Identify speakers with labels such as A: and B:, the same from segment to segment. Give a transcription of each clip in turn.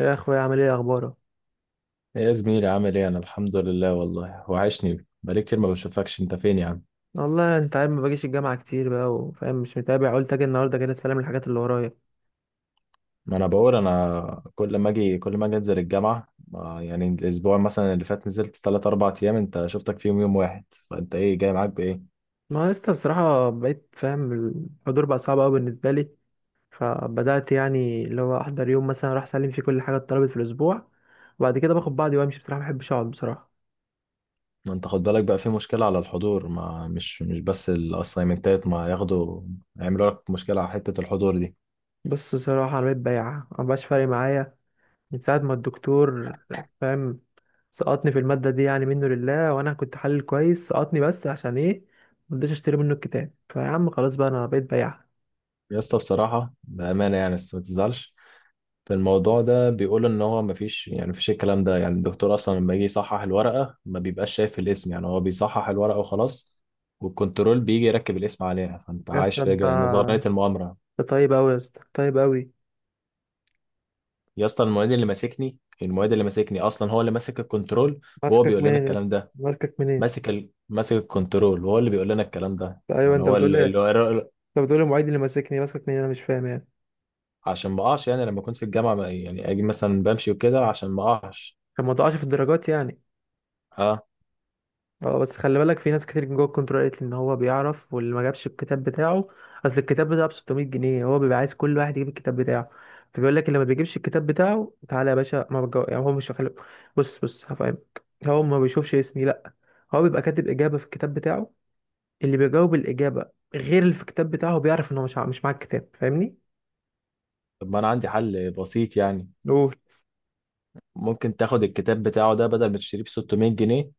A: يا اخويا، عامل ايه، اخبارك؟
B: يا زميلي عامل ايه؟ انا الحمد لله. والله وحشني، بقالي كتير ما بشوفكش. انت فين يا عم؟
A: والله انت عارف ما باجيش الجامعه كتير بقى، وفاهم مش متابع، قلت اجي النهارده كده استلم الحاجات اللي ورايا.
B: ما انا بقول، كل ما اجي، انزل الجامعه، يعني الاسبوع مثلا اللي فات نزلت 3 4 ايام، انت شفتك فيهم يوم واحد. فانت ايه جاي معاك بايه؟
A: ما يا اسطى، بصراحه بقيت فاهم. الحضور بقى صعب قوي بالنسبه لي. فبدات يعني اللي هو احضر يوم مثلا، اروح اسلم فيه كل حاجه اتطلبت في الاسبوع، وبعد كده باخد بعضي وامشي. بصراحه ما بحبش اقعد، بصراحه.
B: ما انت خد بالك بقى، في مشكله على الحضور، ما مش مش بس الاسايمنتات ما ياخدوا يعملوا لك مشكله على حته الحضور دي.
A: بص، بصراحه انا بقيت بياع، ما بقاش فارق معايا من ساعة ما الدكتور، فاهم، سقطني في المادة دي يعني، منه لله، وأنا كنت حلل كويس، سقطني بس عشان إيه؟ مرضيتش أشتري منه الكتاب. فيا عم خلاص بقى أنا بقيت بياع.
B: يا اسطى بصراحه بامانه يعني، بس ما تزعلش في الموضوع ده، بيقول ان هو مفيش، الكلام ده يعني. الدكتور اصلا لما يجي يصحح الورقه ما بيبقاش شايف الاسم، يعني هو بيصحح الورقه وخلاص، والكنترول بيجي يركب الاسم عليها. فانت
A: يا
B: عايش
A: اسطى
B: في
A: أنت
B: نظريه المؤامره.
A: أنت طيب أوي يا اسطى، طيب أوي.
B: يا اسطى المعيد اللي ماسكني، اصلا هو اللي ماسك الكنترول وهو
A: ماسكك
B: بيقول لنا
A: منين يا
B: الكلام
A: اسطى،
B: ده.
A: ماسكك منين؟
B: ماسك ماسك الكنترول وهو اللي بيقول لنا الكلام ده،
A: أيوه،
B: يعني
A: أنت
B: هو
A: بتقول لي أنت بتقول لي المعيد اللي ماسكني ماسكك منين؟ أنا مش فاهم يعني.
B: عشان ما اقعش. يعني لما كنت في الجامعه يعني اجي مثلا بمشي وكده عشان ما اقعش.
A: كان ما ضاعش في الدرجات يعني.
B: اه،
A: اه، بس خلي بالك في ناس كتير جوه الكنترول قالت لي ان هو بيعرف، واللي ما جابش الكتاب بتاعه، اصل الكتاب بتاعه ب 600 جنيه، هو بيبقى عايز كل واحد يجيب الكتاب بتاعه. فبيقول لك اللي ما بيجيبش الكتاب بتاعه تعالى يا باشا، ما بجو... يعني هو مش خلي... بص بص هفهمك. هو ما بيشوفش اسمي، لا. هو بيبقى كاتب اجابه في الكتاب بتاعه، اللي بيجاوب الاجابه غير اللي في الكتاب بتاعه بيعرف ان هو مش معاه الكتاب، فاهمني؟
B: طب ما انا عندي حل بسيط يعني.
A: قول.
B: ممكن تاخد الكتاب بتاعه ده بدل ما تشتريه ب 600 جنيه،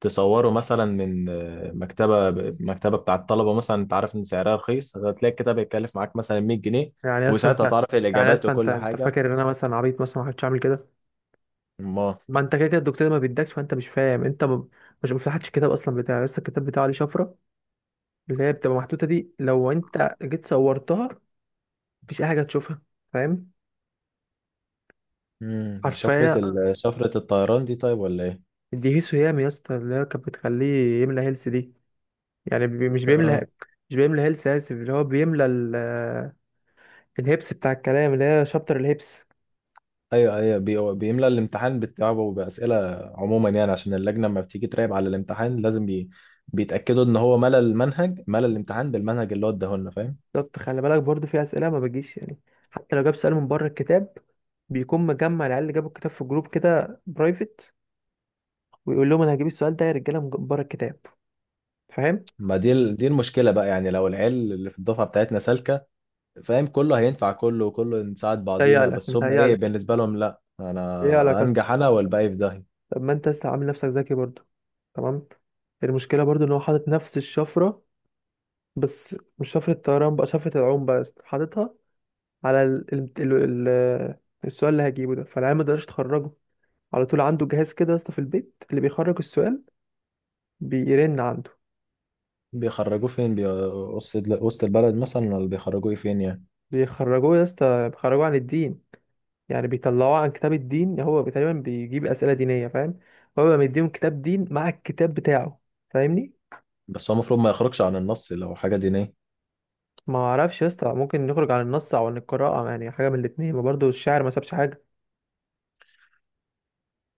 B: تصوره مثلا من مكتبة، بتاع الطلبة مثلا، انت عارف ان سعرها رخيص، هتلاقي الكتاب هيتكلف معاك مثلا 100 جنيه،
A: يعني اصلا
B: وساعتها
A: انت
B: تعرف
A: يعني
B: الإجابات
A: اصلا انت
B: وكل
A: انت
B: حاجة.
A: فاكر ان انا مثلا عبيط؟ مثلا ما كنتش عامل كده.
B: ما
A: ما انت كده كده الدكتور ما بيدكش، فانت مش فاهم، مش مفتحتش الكتاب اصلا بتاعي لسه، الكتاب بتاعه عليه شفره اللي هي بتبقى محطوطه دي، لو انت جيت صورتها مفيش اي حاجه تشوفها، فاهم؟
B: مم. دي شفرة
A: حرفيا.
B: شفرة الطيران دي طيب، ولا ايه؟
A: دي هيسو هيام يا اسطى اللي هي كانت بتخليه يملى هيلث دي. يعني مش
B: اه
A: بيملى مش بيملى هيلث، اسف. اللي هو بيملى الهيبس بتاع الكلام اللي هي شابتر الهيبس.
B: ايوه ايوه، بيملى الامتحان بتاعه بأسئلة. عموما يعني عشان اللجنة لما بتيجي تراقب على الامتحان لازم بيتأكدوا ان هو ملى المنهج، ملى الامتحان بالمنهج اللي هو اداهولنا، فاهم؟
A: بالظبط، خلي بالك برضو في اسئله ما بتجيش يعني. حتى لو جاب سؤال من بره الكتاب، بيكون مجمع العيال اللي جابوا الكتاب في جروب كده برايفت، ويقول لهم انا هجيب السؤال ده يا رجاله من بره الكتاب، فاهم.
B: ما دي دي المشكله بقى يعني. لو العيال اللي في الدفعه بتاعتنا سالكه، فاهم، كله هينفع، كله وكله نساعد بعضينا،
A: متهيألك
B: بس هم ايه
A: متهيألك
B: بالنسبه لهم؟ لا، انا
A: متهيألك أصلا.
B: انجح انا والباقي في داهيه.
A: طب ما انت لسه عامل نفسك ذكي برضه، تمام. المشكله برضه ان هو حاطط نفس الشفره، بس مش شفره الطيران بقى، شفره العوم بقى يا اسطى. حاططها على السؤال اللي هجيبه ده، فالعيال ما يقدرش تخرجه. على طول عنده جهاز كده يا اسطى في البيت اللي بيخرج السؤال بيرن عنده.
B: بيخرجوه فين، وسط، البلد مثلا، ولا بيخرجوه فين يعني؟
A: بيخرجوه يا اسطى، بيخرجوه عن الدين. يعني بيطلعوه عن كتاب الدين. هو تقريبا بيجيب اسئله دينيه، فاهم. هو بيبقى مديهم كتاب دين مع الكتاب بتاعه، فاهمني؟
B: بس هو المفروض ما يخرجش عن النص لو حاجه دينيه.
A: ما اعرفش يا اسطى، ممكن نخرج عن النص او عن القراءه يعني، حاجه من الاثنين. ما برضه الشاعر ما سابش حاجه.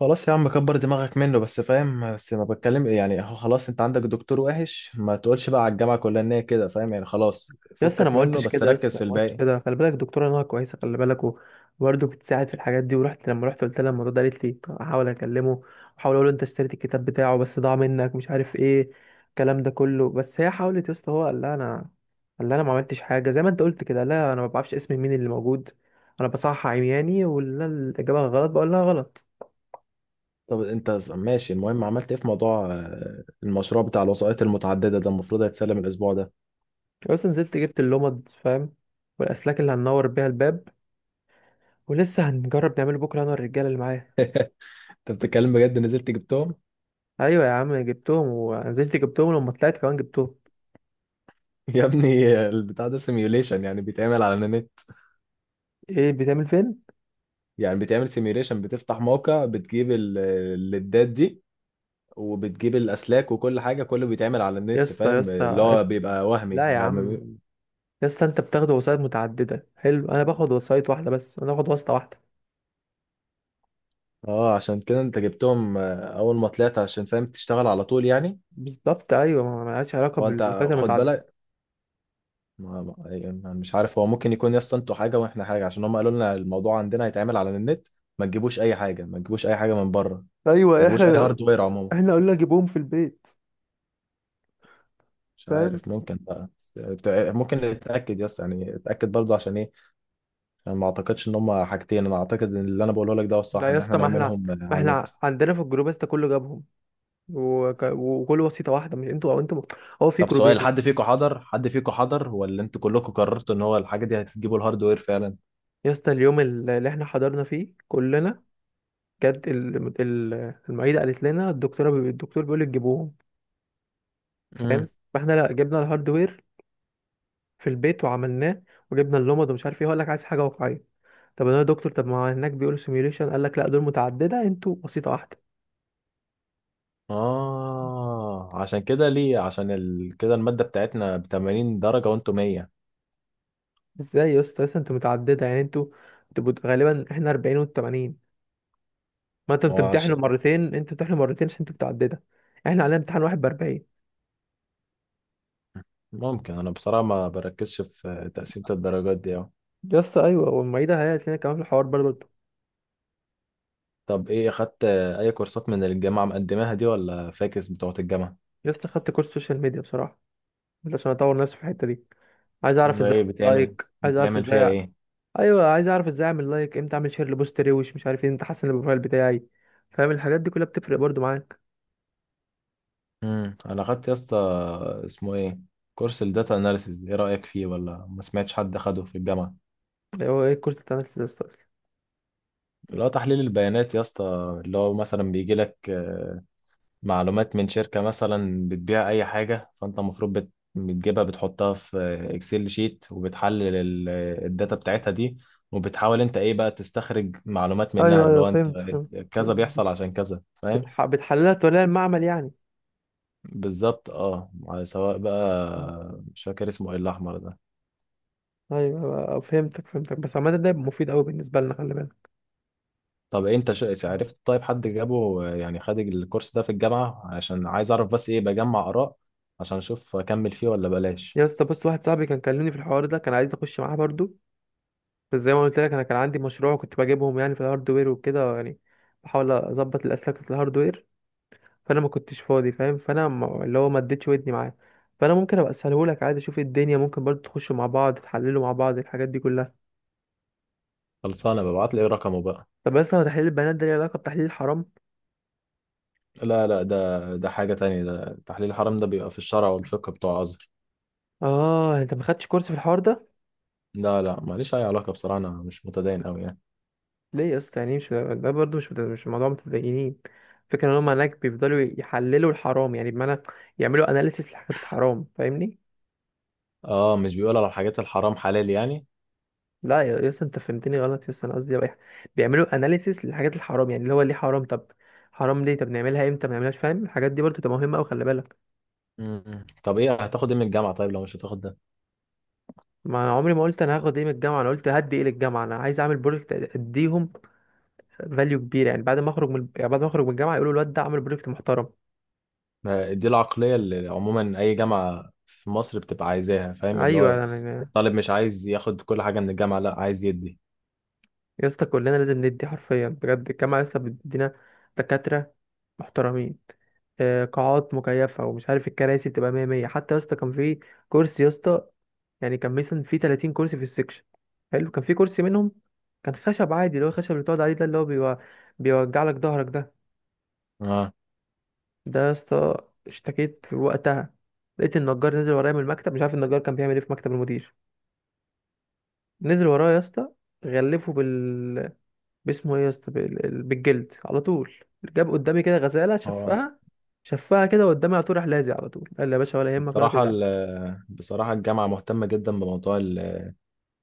B: خلاص يا عم كبر دماغك منه بس، فاهم؟ بس ما بتكلم يعني، هو خلاص انت عندك دكتور وحش، ما تقولش بقى على الجامعه كلها ان هي كده، فاهم يعني؟ خلاص،
A: يا اسطى انا
B: فكك
A: ما
B: منه
A: قلتش
B: بس
A: كده، يا
B: ركز
A: اسطى
B: في
A: ما قلتش
B: الباقي.
A: كده، خلي بالك الدكتوره نهى كويسه، خلي بالك وبرضه بتساعد في الحاجات دي، لما رحت قلت لها الموضوع ده، قالت لي طب احاول اكلمه، احاول اقول له انت اشتريت الكتاب بتاعه بس ضاع منك، مش عارف ايه، الكلام ده كله. بس هي حاولت يا اسطى. هو قال لها انا ما عملتش حاجه، زي ما انت قلت كده، لا انا ما بعرفش اسم مين اللي موجود. انا بصحح عمياني، واللي أنا الاجابه غلط بقول لها غلط.
B: طب انت ماشي. المهم عملت ايه في موضوع المشروع بتاع الوسائط المتعدده ده؟ المفروض هيتسلم الاسبوع ده.
A: اصلا نزلت جبت اللمض، فاهم، والاسلاك اللي هننور بيها الباب، ولسه هنجرب نعمله بكره انا والرجاله اللي معايا.
B: انت بتتكلم بجد، نزلت جبتهم؟
A: ايوه يا عم جبتهم، ونزلت جبتهم لما طلعت كمان جبتهم.
B: يا ابني، البتاع ده سيميوليشن، يعني بيتعمل على النت.
A: ايه بتعمل فين؟
B: يعني بيتعمل سيميوليشن، بتفتح موقع بتجيب الليدات دي وبتجيب الاسلاك وكل حاجه، كله بيتعمل على
A: يا
B: النت،
A: اسطى، يا
B: فاهم؟ اللي
A: اسطى،
B: هو بيبقى وهمي
A: لا يا عم. يا اسطى انت بتاخد وسايط متعدده، حلو. انا باخد وسايط واحده، بس انا باخد واسطه واحده.
B: اه. عشان كده انت جبتهم اول ما طلعت عشان فاهم تشتغل على طول يعني.
A: بالظبط، ايوه، ما لهاش علاقه
B: ما انت
A: بالوسايط
B: خد
A: المتعدده.
B: بالك، يعني مش عارف، هو ممكن يكون يس انتوا حاجه واحنا حاجه، عشان هم قالوا لنا الموضوع عندنا هيتعمل على النت. ما تجيبوش اي حاجه، من بره، ما
A: ايوه،
B: تجيبوش اي
A: احنا
B: هاردوير عموما.
A: احنا قلنا جيبهم في البيت،
B: مش
A: فاهم.
B: عارف، ممكن بقى بس ممكن نتاكد يس يعني، اتاكد برضه عشان ايه. انا ما اعتقدش ان هم حاجتين، انا اعتقد ان اللي انا بقوله لك ده هو الصح،
A: لا يا
B: ان احنا
A: اسطى، ما احنا
B: نعملهم
A: ما
B: على النت.
A: احنا عندنا في الجروب يا اسطى كله جابهم، وكل وسيطه واحده، مش انتوا او انتوا، هو في
B: طب سؤال،
A: جروبين.
B: حد فيكم حضر؟ ولا انتوا كلكم قررتوا ان هو الحاجه دي هتجيبوا الهاردوير فعلا؟
A: يا اسطى اليوم اللي احنا حضرنا فيه كلنا، جت المعيدة قالت لنا الدكتورة الدكتور بيقول لك جيبوهم، فاهم. فاحنا لا، جبنا الهاردوير في البيت وعملناه، وجبنا اللمض ومش عارف ايه، هقول لك عايز حاجة واقعية. طب انا يا دكتور، طب ما هناك بيقولوا سيميوليشن، قال لك لا، دول متعددة انتوا بسيطة واحدة.
B: اه عشان كده ليه عشان كده المادة بتاعتنا ب 80 درجة وانتوا 100.
A: ازاي يا اسطى، اصلا انتوا متعددة يعني، انتوا غالبا احنا 40 وانتوا 80. ما انتوا
B: ما هو
A: بتمتحنوا
B: بس
A: مرتين، انتوا بتمتحنوا مرتين عشان انتوا متعددة. احنا علينا امتحان واحد ب 40.
B: ممكن انا بصراحة ما بركزش في تقسيمة الدرجات دي أوي.
A: يا اسطى ايوه، والمعيدة هي قالت لنا كمان في الحوار برضه.
B: طب ايه، اخدت اي كورسات من اللي الجامعة مقدماها دي، ولا فاكس بتوعة الجامعة؟
A: يا اسطى خدت كورس سوشيال ميديا بصراحة، عشان اطور نفسي في الحته دي. عايز اعرف
B: ده
A: ازاي
B: ايه
A: أعمل
B: بتعمل،
A: لايك، عايز اعرف
B: بتعمل فيها
A: ازاي
B: ايه؟
A: ايوه، عايز اعرف ازاي اعمل لايك، امتى اعمل شير لبوست روش، مش عارف ايه، امتى احسن البروفايل بتاعي. فاهم الحاجات دي كلها بتفرق برضو معاك.
B: انا اخدت يا اسطى، اسمه ايه، كورس الداتا اناليسيز. ايه رأيك فيه؟ ولا ما سمعتش حد اخده في الجامعة؟
A: هو ايه الكورس بتاع نفسي ده أصلاً؟
B: اللي هو تحليل البيانات يا اسطى، اللي هو مثلا بيجي لك معلومات من شركة مثلا بتبيع أي حاجة، فأنت المفروض بتجيبها بتحطها في إكسل شيت وبتحلل الداتا بتاعتها دي، وبتحاول أنت إيه بقى تستخرج معلومات منها.
A: ايوه
B: اللي
A: ايوه،
B: هو أنت
A: فهمت فهمت.
B: كذا بيحصل عشان كذا، فاهم؟
A: بتحللها توليها المعمل يعني.
B: بالظبط. أه على سواء
A: مم.
B: بقى، مش فاكر اسمه إيه الأحمر ده.
A: ايوه فهمتك فهمتك، بس عامه ده يبقى مفيد قوي بالنسبه لنا، خلي بالك.
B: طب أنت عرفت، طيب حد جابه يعني، خد الكورس ده في الجامعة؟ عشان عايز أعرف بس إيه، بجمع آراء عشان أشوف أكمل فيه ولا بلاش.
A: يا اسطى، بص، واحد صاحبي كان كلمني في الحوار ده، كان عايز اخش معاه برضو. بس زي ما قلت لك، انا كان عندي مشروع كنت بجيبهم يعني في الهاردوير، وكده يعني بحاول اظبط الاسلاك في الهاردوير. فانا ما كنتش فاضي، فاهم. فانا اللي هو ما اديتش ودني معاه. فانا ممكن ابقى اسهلهولك عادي، اشوف الدنيا ممكن برضه تخشوا مع بعض، تحللوا مع بعض الحاجات دي كلها.
B: خلصانة، ببعت لي رقمه بقى.
A: طب بس هو تحليل البنات ده ليه علاقه بتحليل الحرام؟
B: لا لا، ده حاجة تانية، ده تحليل الحرام، ده بيبقى في الشرع والفقه بتوع الأزهر.
A: اه، انت ما خدتش كورس في الحوار ده؟
B: لا لا، ماليش أي علاقة بصراحة، أنا مش متدين أوي يعني.
A: ليه يا اسطى، يعني مش ده برضه، مش موضوع متدينين. فكرة ان هم هناك بيفضلوا يحللوا الحرام يعني، بمعنى يعملوا اناليسيس لحاجات الحرام، فاهمني.
B: اه مش بيقول على الحاجات الحرام حلال يعني.
A: لا، يا اسطى انت فهمتني غلط يا اسطى، انا قصدي بيعملوا اناليسيس للحاجات الحرام يعني اللي هو ليه حرام؟ طب حرام ليه؟ طب نعملها امتى؟ ما نعملهاش، فاهم. الحاجات دي برضه تبقى مهمه قوي، خلي بالك.
B: مم. طب ايه، هتاخد ايه من الجامعة طيب لو مش هتاخد ده؟
A: ما انا عمري ما قلت انا هاخد ايه من الجامعه، انا قلت هدي ايه للجامعه. انا عايز اعمل بروجكت اديهم فاليو كبير، يعني بعد ما اخرج من يعني بعد ما اخرج من الجامعه يقولوا الواد ده عمل بروجكت محترم.
B: ما دي العقلية اللي عموما أي جامعة في مصر بتبقى عايزاها، فاهم؟ اللي
A: ايوه
B: هو
A: يعني.
B: الطالب مش عايز ياخد كل حاجة من الجامعة، لا، عايز يدي.
A: يا اسطى كلنا لازم ندي حرفيا بجد. الجامعه يا اسطى بتدينا دكاتره محترمين، قاعات مكيفه ومش عارف. الكراسي بتبقى 100 100 حتى. يا اسطى كان في كرسي يا اسطى، يعني كان مثلا في 30 كرسي في السكشن حلو، كان في كرسي منهم كان خشب عادي، اللي هو الخشب اللي بتقعد عليه ده اللي هو بيوجع لك ظهرك ده.
B: اه،
A: ده يا اسطى، اشتكيت في وقتها، لقيت النجار نزل ورايا من المكتب، مش عارف النجار كان بيعمل ايه في مكتب المدير، نزل ورايا يا اسطى، غلفه باسمه ايه يا اسطى، بالجلد على طول، جاب قدامي كده غزاله
B: هو
A: شفها، شفها كده قدامي، على طول راح لازق، على طول قال لي يا باشا ولا يهمك ولا
B: بصراحة
A: تزعل.
B: بصراحة الجامعة مهتمة جدا بموضوع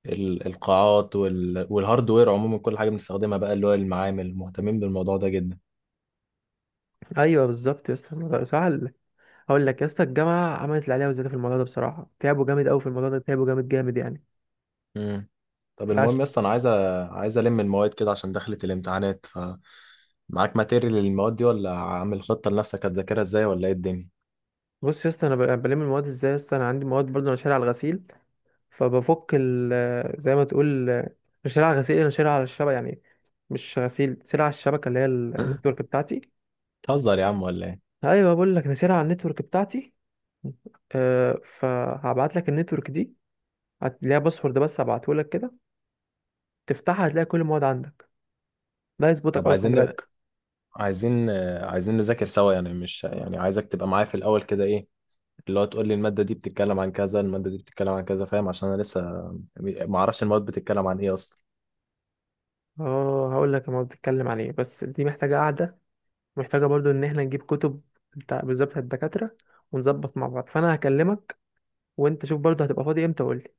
B: القاعات والهاردوير عموما. كل حاجه بنستخدمها بقى، اللي هو المعامل، مهتمين بالموضوع ده جدا.
A: ايوه بالظبط يا اسطى، الموضوع سهل. هقول لك يا اسطى، الجامعه عملت اللي عليها وزياده في الموضوع ده بصراحه، تعبوا جامد قوي في الموضوع ده، تعبوا جامد جامد يعني.
B: امم. طب المهم
A: فعش.
B: يا اسطى انا عايز الم المواد كده عشان دخلت الامتحانات. ف معاك ماتيريال للمواد دي، ولا عامل خطه لنفسك هتذاكرها ازاي، ولا ايه الدنيا؟
A: بص يا اسطى، انا بلم المواد ازاي يا اسطى، انا عندي مواد برضه، انا شاري على الغسيل. فبفك زي ما تقول، مش على غسيل، انا شارع على الشبكه يعني، مش غسيل، شارع على الشبكه اللي هي النتورك بتاعتي.
B: بتهزر يا عم ولا ايه؟
A: ايوه، بقول لك انا شارع على النتورك بتاعتي. أه، فهبعت لك النتورك دي، ليها باسورد بس هبعته لك كده، تفتحها هتلاقي كل المواد عندك. ده يظبطك
B: طب
A: قوي، خلي
B: عايزين،
A: بالك.
B: عايزين نذاكر سوا يعني، مش يعني، عايزك تبقى معايا في الاول كده، ايه اللي هو، تقول لي الماده دي بتتكلم عن كذا، الماده دي بتتكلم عن كذا، فاهم؟ عشان انا لسه ما اعرفش المواد بتتكلم عن ايه اصلا.
A: اه، هقول لك المواد بتتكلم عن ايه، بس دي محتاجه قاعده، محتاجه برضو ان احنا نجيب كتب بتاع بالظبط الدكاتره، ونظبط مع بعض، فانا هكلمك وانت شوف برضو هتبقى فاضي امتى وقول لي.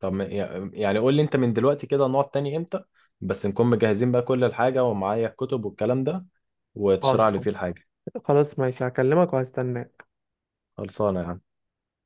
B: طب يعني قول لي انت من دلوقتي كده، نقعد تاني امتى؟ بس نكون مجهزين بقى كل الحاجة، ومعايا الكتب والكلام ده،
A: حاضر،
B: وتشرح لي فيه الحاجة.
A: خلاص ماشي، هكلمك وهستناك.
B: خلصانة يا عم.